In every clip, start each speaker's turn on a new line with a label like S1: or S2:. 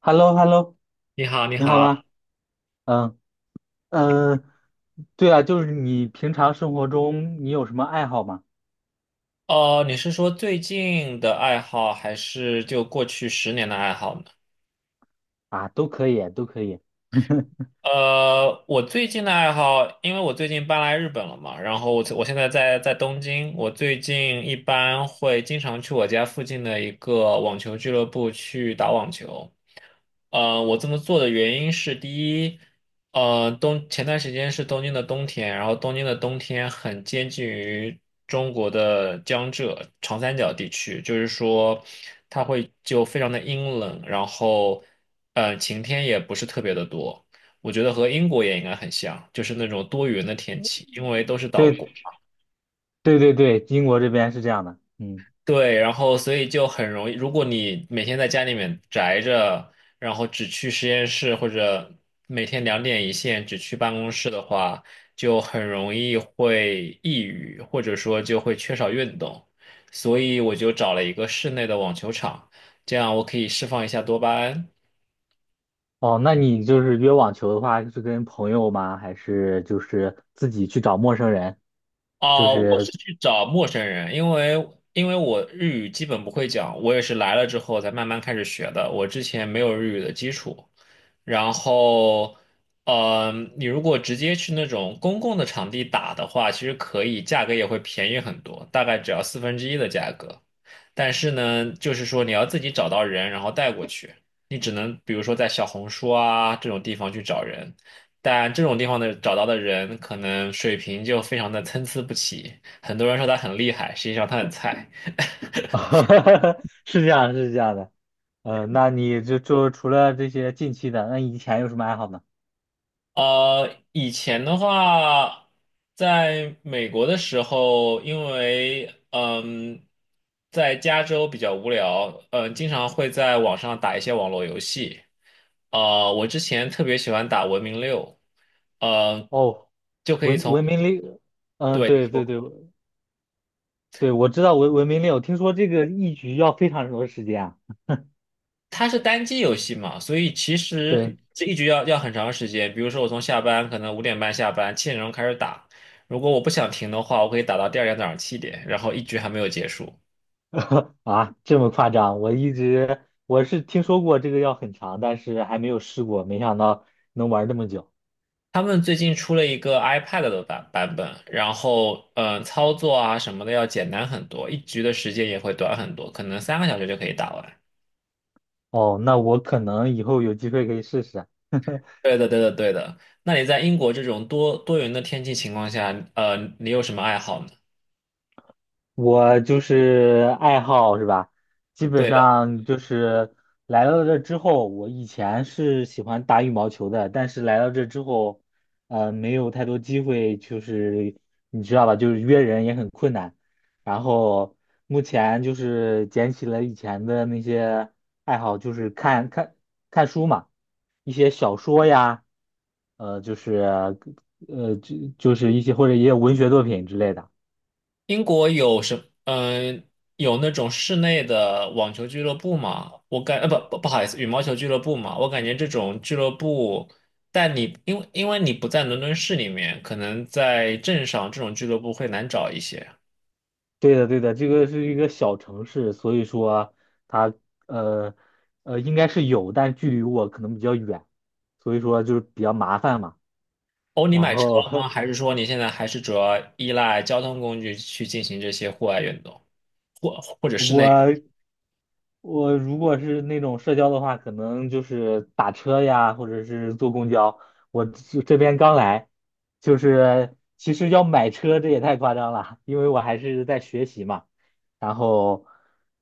S1: h e l l o h e l l o
S2: 你好，你
S1: 你好
S2: 好。
S1: 吗？嗯嗯，对啊，就是你平常生活中你有什么爱好吗？
S2: 哦，你是说最近的爱好，还是就过去十年的爱好呢？
S1: 啊，都可以，都可以。
S2: 我最近的爱好，因为我最近搬来日本了嘛，然后我现在在东京，我最近一般会经常去我家附近的一个网球俱乐部去打网球。我这么做的原因是，第一，前段时间是东京的冬天，然后东京的冬天很接近于中国的江浙长三角地区，就是说它会就非常的阴冷，然后晴天也不是特别的多。我觉得和英国也应该很像，就是那种多云的天气，因为都是岛国。
S1: 对对对对，英国这边是这样的。嗯，
S2: 对，然后所以就很容易，如果你每天在家里面宅着，然后只去实验室或者每天两点一线只去办公室的话，就很容易会抑郁，或者说就会缺少运动。所以我就找了一个室内的网球场，这样我可以释放一下多巴胺。
S1: 哦，那你就是约网球的话，是跟朋友吗？还是就是自己去找陌生人？就
S2: 啊、我是
S1: 是，
S2: 去找陌生人，因为我日语基本不会讲，我也是来了之后才慢慢开始学的。我之前没有日语的基础，然后，呃，你如果直接去那种公共的场地打的话，其实可以，价格也会便宜很多，大概只要四分之一的价格。但是呢，就是说你要自己找到人，然后带过去，你只能比如说在小红书啊这种地方去找人。但这种地方的找到的人，可能水平就非常的参差不齐。很多人说他很厉害，实际上他很菜。
S1: 是这样，是这样的。那你就除了这些近期的，那以前有什么爱好呢？
S2: 以前的话，在美国的时候，因为在加州比较无聊，经常会在网上打一些网络游戏。我之前特别喜欢打《文明六》，呃，
S1: 哦，
S2: 就可以
S1: 文
S2: 从。
S1: 文明历，嗯，
S2: 对。
S1: 对对对，对，我知道文明令，我听说这个一局要非常多时间啊。
S2: 它是单机游戏嘛，所以其实
S1: 对，
S2: 这一局要很长时间。比如说，我从下班可能5:30下班，7点钟开始打。如果我不想停的话，我可以打到第二天早上七点，然后一局还没有结束。
S1: 啊，这么夸张？我一直我是听说过这个要很长，但是还没有试过，没想到能玩这么久。
S2: 他们最近出了一个 iPad 的版本，然后操作啊什么的要简单很多，一局的时间也会短很多，可能3个小时就可以打完。
S1: 哦，那我可能以后有机会可以试试。
S2: 对的，对的，对的。那你在英国这种多云的天气情况下，你有什么爱好呢？
S1: 我就是爱好是吧？基本
S2: 对的。
S1: 上就是来到这之后，我以前是喜欢打羽毛球的，但是来到这之后，没有太多机会，就是你知道吧，就是约人也很困难。然后目前就是捡起了以前的那些爱好，就是看看看书嘛，一些小说呀，就是就是一些或者也有文学作品之类的。
S2: 英国有什嗯、有那种室内的网球俱乐部吗？不好意思，羽毛球俱乐部嘛，我感觉这种俱乐部，但你因为你不在伦敦市里面，可能在镇上这种俱乐部会难找一些。
S1: 对的，对的，这个是一个小城市，所以说它呃应该是有，但距离我可能比较远，所以说就是比较麻烦嘛。
S2: 哦，你
S1: 然
S2: 买车
S1: 后
S2: 了吗？还是说你现在还是主要依赖交通工具去进行这些户外运动，或者室内运动？
S1: 我我如果是那种社交的话，可能就是打车呀，或者是坐公交。我这边刚来，就是其实要买车，这也太夸张了，因为我还是在学习嘛。然后，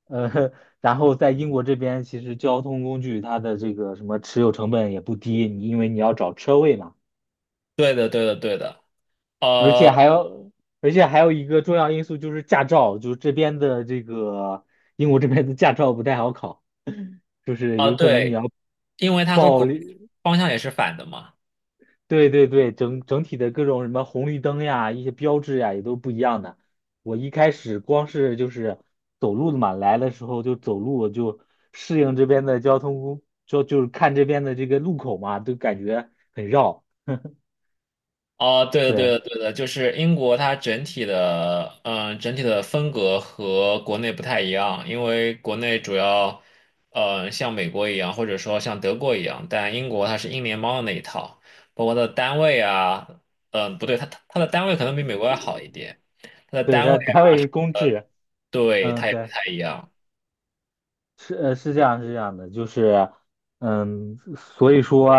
S1: 呃，然后在英国这边，其实交通工具它的这个什么持有成本也不低，因为你要找车位嘛。
S2: 对的，对的，对的。
S1: 而
S2: 呃
S1: 且还有，而且还有一个重要因素就是驾照，就是这边的这个英国这边的驾照不太好考，就是有可能你
S2: 对，
S1: 要
S2: 因为它和
S1: 报
S2: 国内
S1: 绿，
S2: 方向也是反的嘛。
S1: 对对对，整体的各种什么红绿灯呀、一些标志呀也都不一样的。我一开始光是就是走路的嘛，来的时候就走路就适应这边的交通工，就就是看这边的这个路口嘛，都感觉很绕。
S2: 哦，对的，对
S1: 对，
S2: 的，对的，就是英国它整体的，整体的风格和国内不太一样，因为国内主要，像美国一样，或者说像德国一样，但英国它是英联邦的那一套，包括它的单位啊，不对，它的单位可能比美国要好一点，它的
S1: 对，
S2: 单位
S1: 它单位
S2: 啊，
S1: 是公制，
S2: 对，它
S1: 嗯，
S2: 也不
S1: 对。
S2: 太一样，
S1: 是这样是这样的，就是所以说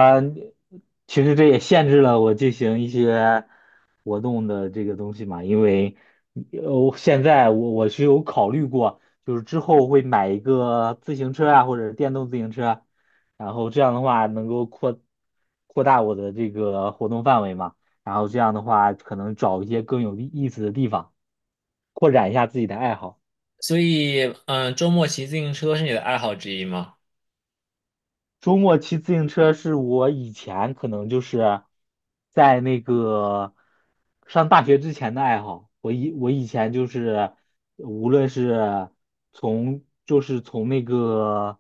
S1: 其实这也限制了我进行一些活动的这个东西嘛，因为现在我是有考虑过，就是之后会买一个自行车啊或者电动自行车，然后这样的话能够扩大我的这个活动范围嘛，然后这样的话可能找一些更有意思的地方，扩展一下自己的爱好。
S2: 所以，周末骑自行车是你的爱好之一吗？
S1: 周末骑自行车是我以前可能就是在那个上大学之前的爱好。我以前就是无论是从就是从那个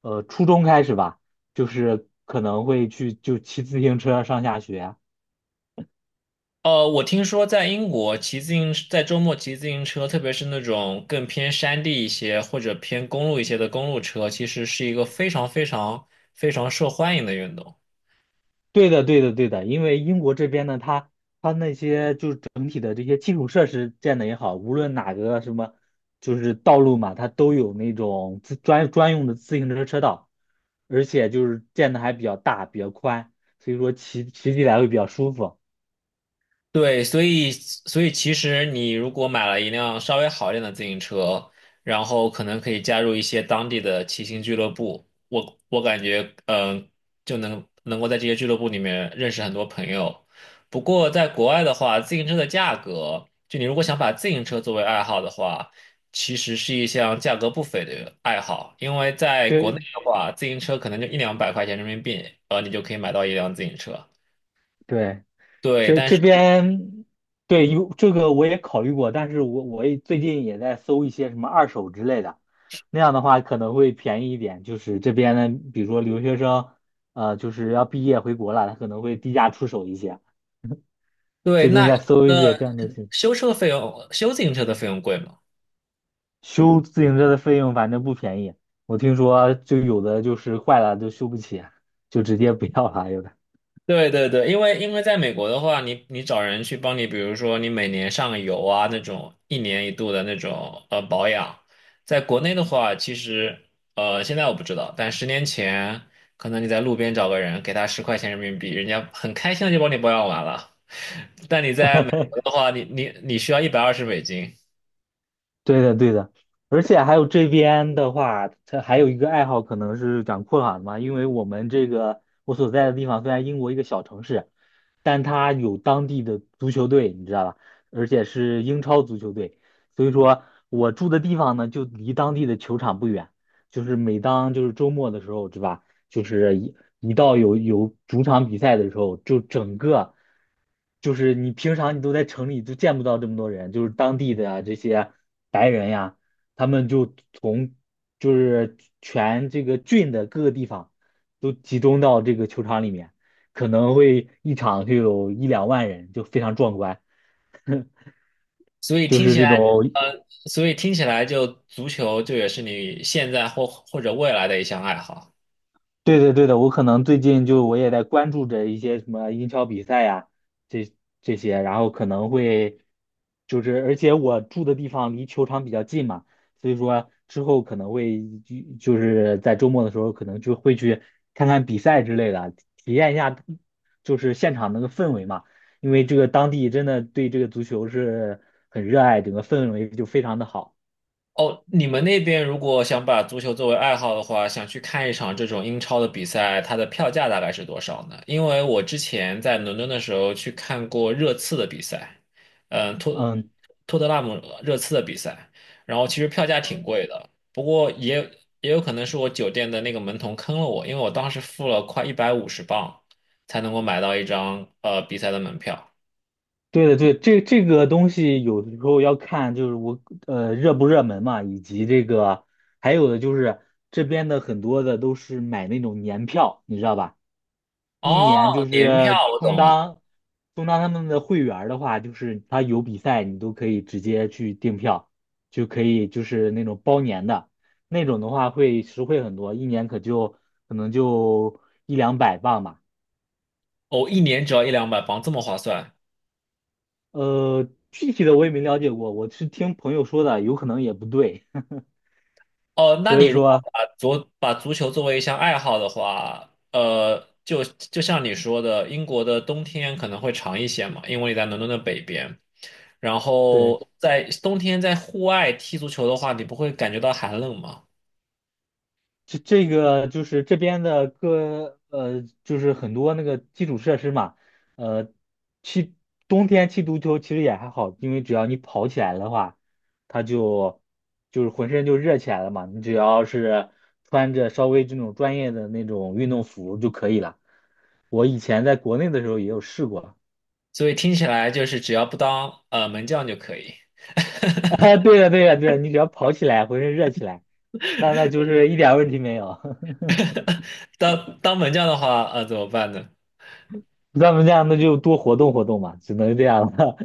S1: 初中开始吧，就是可能会去就骑自行车上下学。
S2: 我听说在英国骑自行，在周末骑自行车，特别是那种更偏山地一些或者偏公路一些的公路车，其实是一个非常非常非常受欢迎的运动。
S1: 对的，对的，对的，因为英国这边呢，它那些就是整体的这些基础设施建的也好，无论哪个什么就是道路嘛，它都有那种专用的自行车车道，而且就是建的还比较大，比较宽，所以说骑起来会比较舒服。
S2: 对，所以其实你如果买了一辆稍微好一点的自行车，然后可能可以加入一些当地的骑行俱乐部，我感觉就能够在这些俱乐部里面认识很多朋友。不过在国外的话，自行车的价格，就你如果想把自行车作为爱好的话，其实是一项价格不菲的爱好，因为在国内
S1: 对，
S2: 的话，自行车可能就一两百块钱人民币，你就可以买到一辆自行车。
S1: 对。
S2: 对，
S1: 这
S2: 但
S1: 这
S2: 是
S1: 边对有这个我也考虑过，但是我也最近也在搜一些什么二手之类的，那样的话可能会便宜一点。就是这边呢，比如说留学生，就是要毕业回国了，他可能会低价出手一些。
S2: 对
S1: 最近在搜
S2: 那。
S1: 一些这样的信
S2: 修车费用、修自行车的费用贵吗？
S1: 息修自行车的费用，反正不便宜。我听说就有的就是坏了就修不起，就直接不要了，有的。
S2: 对对对，因为在美国的话，你找人去帮你，比如说你每年上个油啊那种一年一度的那种保养，在国内的话，其实现在我不知道，但10年前可能你在路边找个人给他10块钱人民币，人家很开心的就帮你保养完了。但你在美国 的话，你需要120美金，
S1: 对的，对的，而且还有这边的话，它还有一个爱好可能是讲困的嘛，因为我们这个我所在的地方虽然英国一个小城市，但它有当地的足球队，你知道吧？而且是英超足球队，所以说我住的地方呢就离当地的球场不远，就是每当就是周末的时候，是吧？就是一到有主场比赛的时候，就整个。就是你平常你都在城里都见不到这么多人，就是当地的呀这些白人呀，他们就从就是全这个郡的各个地方都集中到这个球场里面，可能会一场就有一两万人，就非常壮观，
S2: 所以
S1: 就
S2: 听
S1: 是
S2: 起
S1: 这
S2: 来，
S1: 种
S2: 呃，所以听起来就足球就也是你现在或者未来的一项爱好。
S1: 对的，对的，我可能最近就我也在关注着一些什么英超比赛呀，这这些，然后可能会就是，而且我住的地方离球场比较近嘛，所以说之后可能会就是在周末的时候可能就会去看看比赛之类的，体验一下就是现场那个氛围嘛，因为这个当地真的对这个足球是很热爱，整个氛围就非常的好。
S2: 哦，你们那边如果想把足球作为爱好的话，想去看一场这种英超的比赛，它的票价大概是多少呢？因为我之前在伦敦的时候去看过热刺的比赛，嗯，托
S1: 嗯，
S2: 托特纳姆热刺的比赛，然后其实票价挺贵的，不过也有可能是我酒店的那个门童坑了我，因为我当时付了快150镑才能够买到一张比赛的门票。
S1: 对的，对，这个东西有的时候要看，就是我热不热门嘛，以及这个还有的就是这边的很多的都是买那种年票，你知道吧？一
S2: 哦，
S1: 年就
S2: 年票
S1: 是
S2: 我
S1: 充
S2: 懂了，
S1: 当充当他们的会员儿的话，就是他有比赛你都可以直接去订票，就可以就是那种包年的那种的话会实惠很多，一年可能就一两百磅吧。
S2: 哦，一年只要一两百镑，这么划算。
S1: 具体的我也没了解过，我是听朋友说的，有可能也不对，
S2: 哦，那
S1: 所
S2: 你
S1: 以
S2: 如果
S1: 说，
S2: 把足球作为一项爱好的话，就像你说的，英国的冬天可能会长一些嘛，因为你在伦敦的北边，然
S1: 对，
S2: 后在冬天在户外踢足球的话，你不会感觉到寒冷吗？
S1: 这个就是这边的各，就是很多那个基础设施嘛，呃，踢冬天踢足球其实也还好，因为只要你跑起来的话，它就是浑身就热起来了嘛，你只要是穿着稍微这种专业的那种运动服就可以了。我以前在国内的时候也有试过。
S2: 所以听起来就是只要不当门将就可以，
S1: 啊，对的对的对的，你只要跑起来，浑身热起来，那就是一点问题没有。
S2: 当门将的话，怎么办呢？
S1: 咱们这样，那就多活动活动嘛，只能这样了。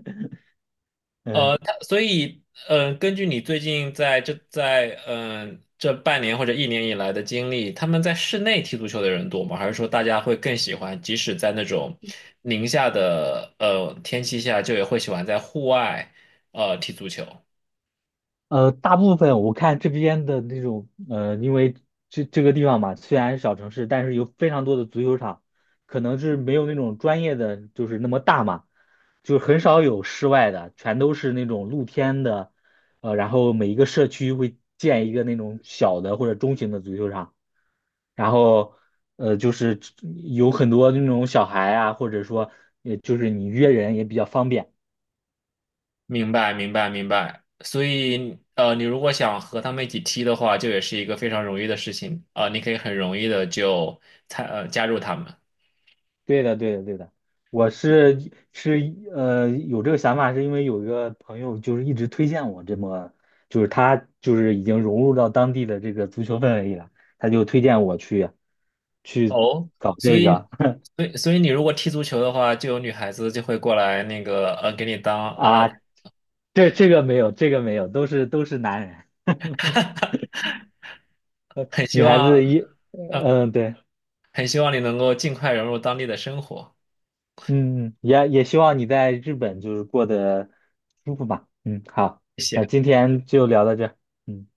S1: 嗯，
S2: 所以根据你最近在这半年或者一年以来的经历，他们在室内踢足球的人多吗？还是说大家会更喜欢，即使在那种宁夏的天气下，就也会喜欢在户外踢足球？
S1: 大部分我看这边的那种，因为这个地方嘛，虽然是小城市，但是有非常多的足球场，可能是没有那种专业的，就是那么大嘛，就很少有室外的，全都是那种露天的，然后每一个社区会建一个那种小的或者中型的足球场。然后就是有很多那种小孩啊，或者说，也就是你约人也比较方便。
S2: 明白，明白，明白。所以你如果想和他们一起踢的话，就也是一个非常容易的事情啊、你可以很容易的就加入他们。
S1: 对的，对的，对的。我是有这个想法，是因为有一个朋友就是一直推荐我这么，就是他就是已经融入到当地的这个足球氛围里了，他就推荐我去
S2: 哦，
S1: 搞
S2: 所
S1: 这
S2: 以，
S1: 个
S2: 所以你如果踢足球的话，就有女孩子就会过来那个给你 当拉拉
S1: 啊，
S2: 队，
S1: 这个没有，这个没有，都是男人，
S2: 很希
S1: 女孩
S2: 望，
S1: 子一
S2: 嗯、
S1: 对。
S2: 很希望你能够尽快融入当地的生活。
S1: 嗯，也希望你在日本就是过得舒服吧。嗯，好，
S2: 谢
S1: 那
S2: 谢。
S1: 今天就聊到这儿嗯。